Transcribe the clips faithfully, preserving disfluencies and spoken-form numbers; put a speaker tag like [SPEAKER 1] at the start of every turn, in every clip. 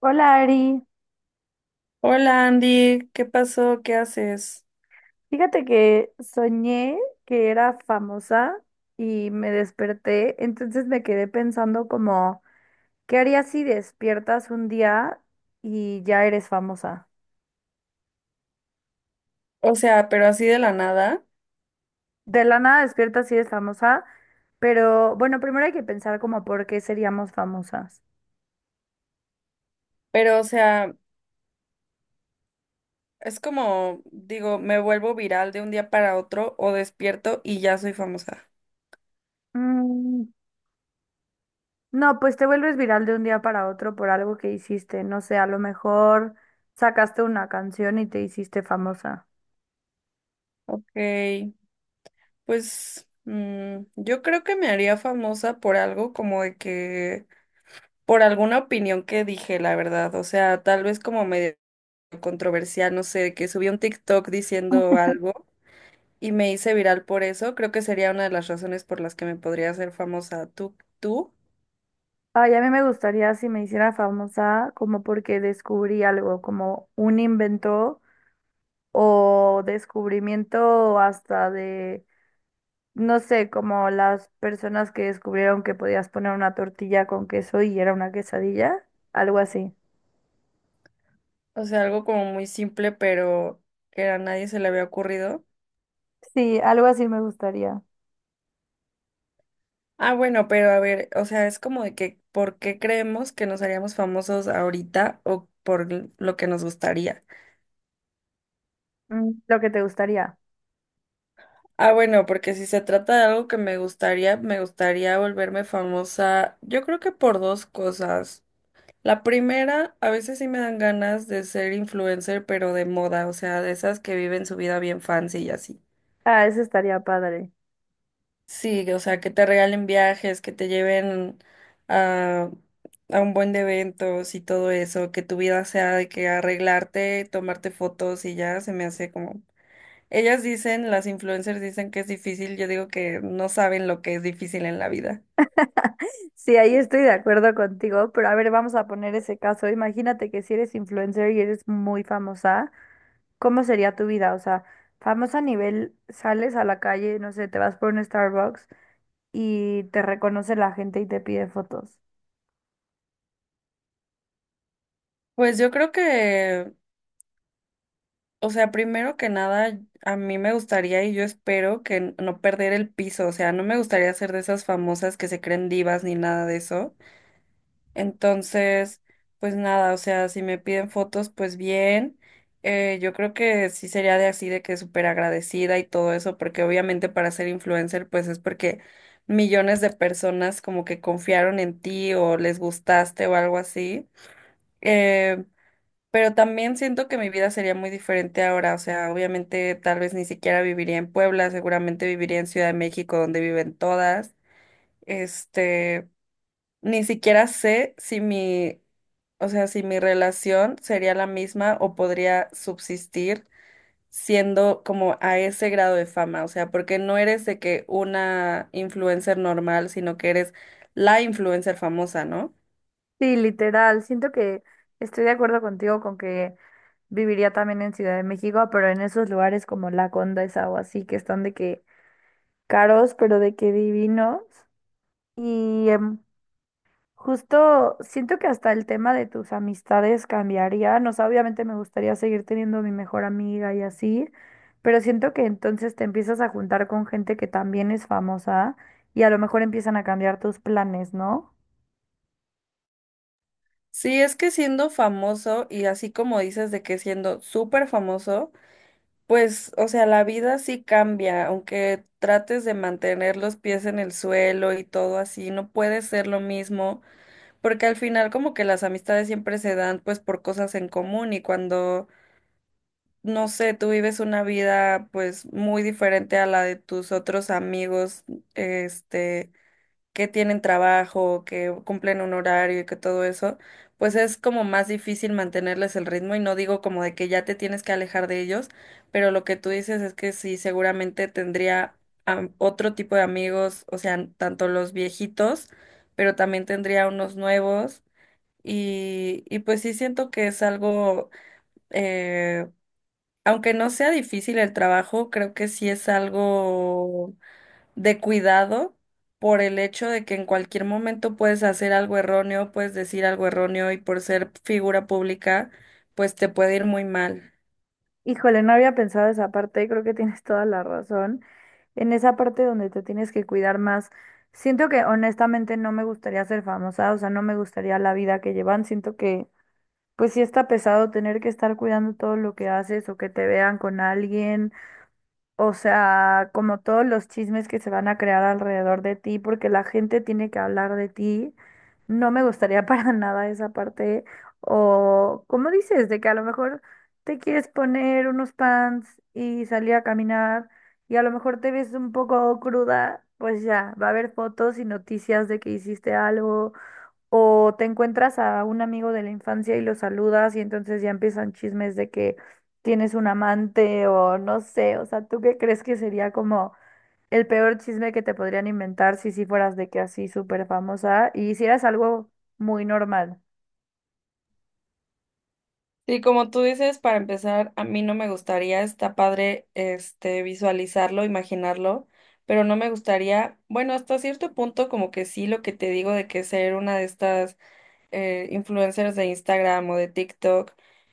[SPEAKER 1] Hola Ari,
[SPEAKER 2] Hola Andy, ¿qué pasó? ¿Qué haces?
[SPEAKER 1] fíjate que soñé que era famosa y me desperté, entonces me quedé pensando como, ¿qué harías si despiertas un día y ya eres famosa?
[SPEAKER 2] O sea, pero así de la nada,
[SPEAKER 1] De la nada despiertas y eres famosa, pero bueno, primero hay que pensar como por qué seríamos famosas.
[SPEAKER 2] pero o sea, es como, digo, me vuelvo viral de un día para otro o despierto y ya soy famosa.
[SPEAKER 1] Mm, no, pues te vuelves viral de un día para otro por algo que hiciste, no sé, a lo mejor sacaste una canción y te hiciste famosa.
[SPEAKER 2] Ok, pues mm, yo creo que me haría famosa por algo como de que, por alguna opinión que dije, la verdad, o sea, tal vez como medio controversial, no sé, que subí un TikTok diciendo algo. Y me hice viral por eso, creo que sería una de las razones por las que me podría hacer famosa tú, tú.
[SPEAKER 1] Ay, a mí me gustaría si me hiciera famosa como porque descubrí algo, como un invento o descubrimiento hasta de, no sé, como las personas que descubrieron que podías poner una tortilla con queso y era una quesadilla, algo así.
[SPEAKER 2] O sea, algo como muy simple, pero que a nadie se le había ocurrido.
[SPEAKER 1] Sí, algo así me gustaría.
[SPEAKER 2] Ah, bueno, pero a ver, o sea, es como de que, ¿por qué creemos que nos haríamos famosos ahorita o por l- lo que nos gustaría?
[SPEAKER 1] Mm, lo que te gustaría.
[SPEAKER 2] Ah, bueno, porque si se trata de algo que me gustaría, me gustaría volverme famosa, yo creo que por dos cosas. La primera, a veces sí me dan ganas de ser influencer, pero de moda, o sea, de esas que viven su vida bien fancy y así.
[SPEAKER 1] Ah, eso estaría padre.
[SPEAKER 2] Sí, o sea, que te regalen viajes, que te lleven a, a un buen de eventos y todo eso, que tu vida sea de que arreglarte, tomarte fotos y ya se me hace como. Ellas dicen, las influencers dicen que es difícil, yo digo que no saben lo que es difícil en la vida.
[SPEAKER 1] Sí, ahí estoy de acuerdo contigo, pero a ver, vamos a poner ese caso. Imagínate que si eres influencer y eres muy famosa. ¿Cómo sería tu vida? O sea, famosa a nivel, sales a la calle, no sé, te vas por un Starbucks y te reconoce la gente y te pide fotos.
[SPEAKER 2] Pues yo creo que, o sea, primero que nada, a mí me gustaría y yo espero que n- no perder el piso, o sea, no me gustaría ser de esas famosas que se creen divas ni nada de eso. Entonces, pues nada, o sea, si me piden fotos, pues bien. Eh, yo creo que sí sería de así, de que súper agradecida y todo eso, porque obviamente para ser influencer, pues es porque millones de personas como que confiaron en ti o les gustaste o algo así. Eh, pero también siento que mi vida sería muy diferente ahora, o sea, obviamente tal vez ni siquiera viviría en Puebla, seguramente viviría en Ciudad de México, donde viven todas. Este. Ni siquiera sé si mi, o sea, si mi relación sería la misma o podría subsistir siendo como a ese grado de fama, o sea, porque no eres de que una influencer normal, sino que eres la influencer famosa, ¿no?
[SPEAKER 1] Sí, literal, siento que estoy de acuerdo contigo con que viviría también en Ciudad de México, pero en esos lugares como La Condesa o así, que están de que caros, pero de que divinos. Y em, justo siento que hasta el tema de tus amistades cambiaría. No sé, obviamente me gustaría seguir teniendo a mi mejor amiga y así, pero siento que entonces te empiezas a juntar con gente que también es famosa y a lo mejor empiezan a cambiar tus planes, ¿no?
[SPEAKER 2] Sí, es que siendo famoso y así como dices de que siendo súper famoso, pues, o sea, la vida sí cambia, aunque trates de mantener los pies en el suelo y todo así, no puede ser lo mismo. Porque al final como que las amistades siempre se dan pues por cosas en común y cuando, no sé, tú vives una vida pues muy diferente a la de tus otros amigos, este, que tienen trabajo, que cumplen un horario y que todo eso, pues es como más difícil mantenerles el ritmo y no digo como de que ya te tienes que alejar de ellos, pero lo que tú dices es que sí, seguramente tendría am- otro tipo de amigos, o sea, tanto los viejitos, pero también tendría unos nuevos. Y, y pues sí siento que es algo, eh, aunque no sea difícil el trabajo, creo que sí es algo de cuidado por el hecho de que en cualquier momento puedes hacer algo erróneo, puedes decir algo erróneo y por ser figura pública, pues te puede ir muy mal.
[SPEAKER 1] Híjole, no había pensado esa parte y creo que tienes toda la razón. En esa parte donde te tienes que cuidar más. Siento que honestamente no me gustaría ser famosa, o sea, no me gustaría la vida que llevan. Siento que pues sí está pesado tener que estar cuidando todo lo que haces o que te vean con alguien, o sea, como todos los chismes que se van a crear alrededor de ti, porque la gente tiene que hablar de ti. No me gustaría para nada esa parte. O como dices, de que a lo mejor te quieres poner unos pants y salir a caminar y a lo mejor te ves un poco cruda, pues ya, va a haber fotos y noticias de que hiciste algo o te encuentras a un amigo de la infancia y lo saludas y entonces ya empiezan chismes de que tienes un amante o no sé, o sea, ¿tú qué crees que sería como el peor chisme que te podrían inventar si sí fueras de que así súper famosa y hicieras algo muy normal?
[SPEAKER 2] Sí, como tú dices, para empezar, a mí no me gustaría, está padre, este, visualizarlo, imaginarlo, pero no me gustaría, bueno, hasta cierto punto como que sí, lo que te digo de que ser una de estas eh, influencers de Instagram o de TikTok,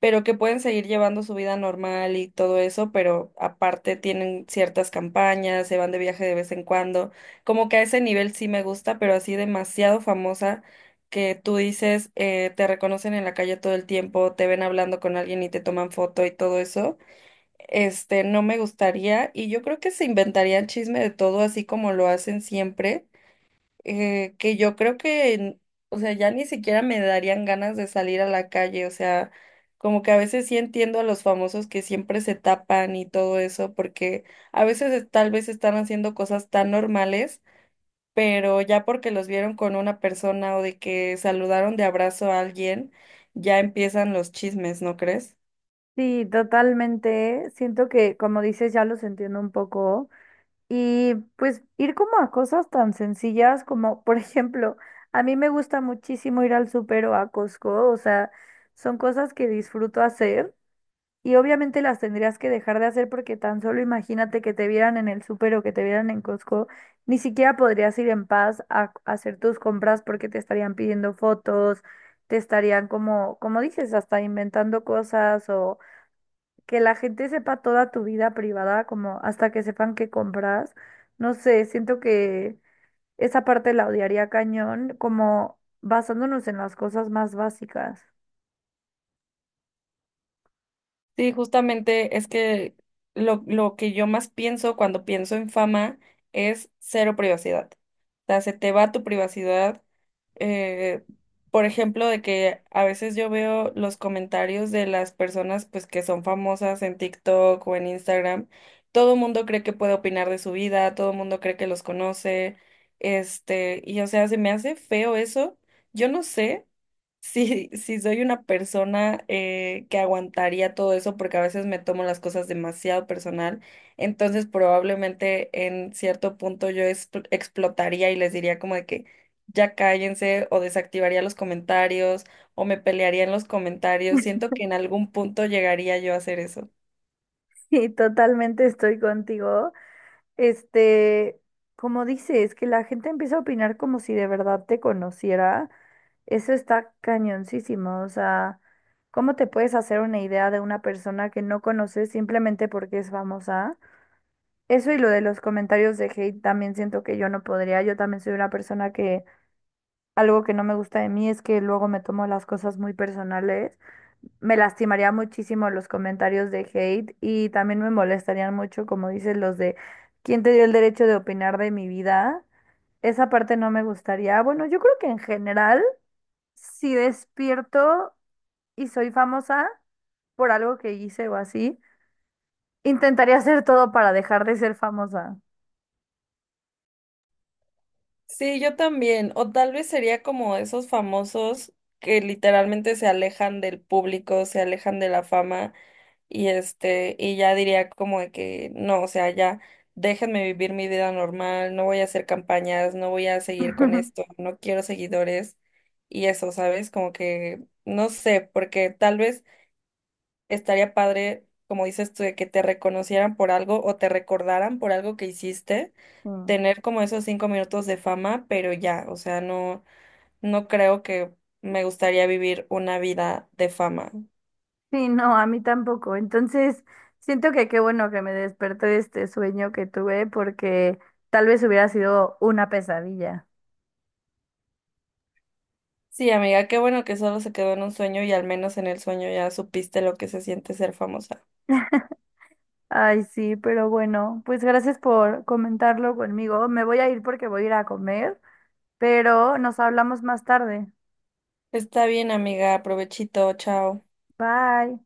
[SPEAKER 2] pero que pueden seguir llevando su vida normal y todo eso, pero aparte tienen ciertas campañas, se van de viaje de vez en cuando. Como que a ese nivel sí me gusta, pero así demasiado famosa que tú dices, eh, te reconocen en la calle todo el tiempo, te ven hablando con alguien y te toman foto y todo eso. Este, no me gustaría y yo creo que se inventarían chisme de todo así como lo hacen siempre, eh, que yo creo que, o sea, ya ni siquiera me darían ganas de salir a la calle, o sea, como que a veces sí entiendo a los famosos que siempre se tapan y todo eso, porque a veces es- tal vez están haciendo cosas tan normales, pero ya porque los vieron con una persona o de que saludaron de abrazo a alguien, ya empiezan los chismes, ¿no crees?
[SPEAKER 1] Sí, totalmente. Siento que, como dices, ya los entiendo un poco. Y pues ir como a cosas tan sencillas como, por ejemplo, a mí me gusta muchísimo ir al súper o a Costco, o sea, son cosas que disfruto hacer y obviamente las tendrías que dejar de hacer porque tan solo imagínate que te vieran en el súper o que te vieran en Costco, ni siquiera podrías ir en paz a, a hacer tus compras porque te estarían pidiendo fotos, te estarían como, como dices, hasta inventando cosas que la gente sepa toda tu vida privada, como hasta que sepan qué compras. No sé, siento que esa parte la odiaría cañón, como basándonos en las cosas más básicas.
[SPEAKER 2] Sí, justamente es que lo, lo que yo más pienso cuando pienso en fama es cero privacidad. O sea, se te va tu privacidad. eh, por ejemplo, de que a veces yo veo los comentarios de las personas pues que son famosas en TikTok o en Instagram. Todo el mundo cree que puede opinar de su vida, todo el mundo cree que los conoce. Este, y o sea, se me hace feo eso. Yo no sé. Sí, sí, soy una persona eh, que aguantaría todo eso porque a veces me tomo las cosas demasiado personal, entonces probablemente en cierto punto yo expl- explotaría y les diría como de que ya cállense o desactivaría los comentarios o me pelearía en los comentarios. Siento que en algún punto llegaría yo a hacer eso.
[SPEAKER 1] Y totalmente estoy contigo. Este, como dices, que la gente empieza a opinar como si de verdad te conociera, eso está cañoncísimo. O sea, ¿cómo te puedes hacer una idea de una persona que no conoces simplemente porque es famosa? Eso y lo de los comentarios de hate también siento que yo no podría. Yo también soy una persona que algo que no me gusta de mí es que luego me tomo las cosas muy personales. Me lastimaría muchísimo los comentarios de hate y también me molestarían mucho, como dices, los de ¿quién te dio el derecho de opinar de mi vida? Esa parte no me gustaría. Bueno, yo creo que en general, si despierto y soy famosa por algo que hice o así, intentaría hacer todo para dejar de ser famosa.
[SPEAKER 2] Sí, yo también, o tal vez sería como esos famosos que literalmente se alejan del público, se alejan de la fama. Y este, y ya diría como de que no, o sea, ya déjenme vivir mi vida normal, no voy a hacer campañas, no voy a seguir con esto, no quiero seguidores y eso, ¿sabes? Como que no sé, porque tal vez estaría padre, como dices tú, de que te reconocieran por algo o te recordaran por algo que hiciste,
[SPEAKER 1] Sí.
[SPEAKER 2] tener como esos cinco minutos de fama, pero ya, o sea, no, no creo que me gustaría vivir una vida de fama.
[SPEAKER 1] Sí, no, a mí tampoco. Entonces, siento que qué bueno que me despertó de este sueño que tuve porque tal vez hubiera sido una pesadilla.
[SPEAKER 2] Sí, amiga, qué bueno que solo se quedó en un sueño y al menos en el sueño ya supiste lo que se siente ser famosa.
[SPEAKER 1] Ay, sí, pero bueno, pues gracias por comentarlo conmigo. Me voy a ir porque voy a ir a comer, pero nos hablamos más tarde.
[SPEAKER 2] Está bien, amiga, provechito, chao.
[SPEAKER 1] Bye.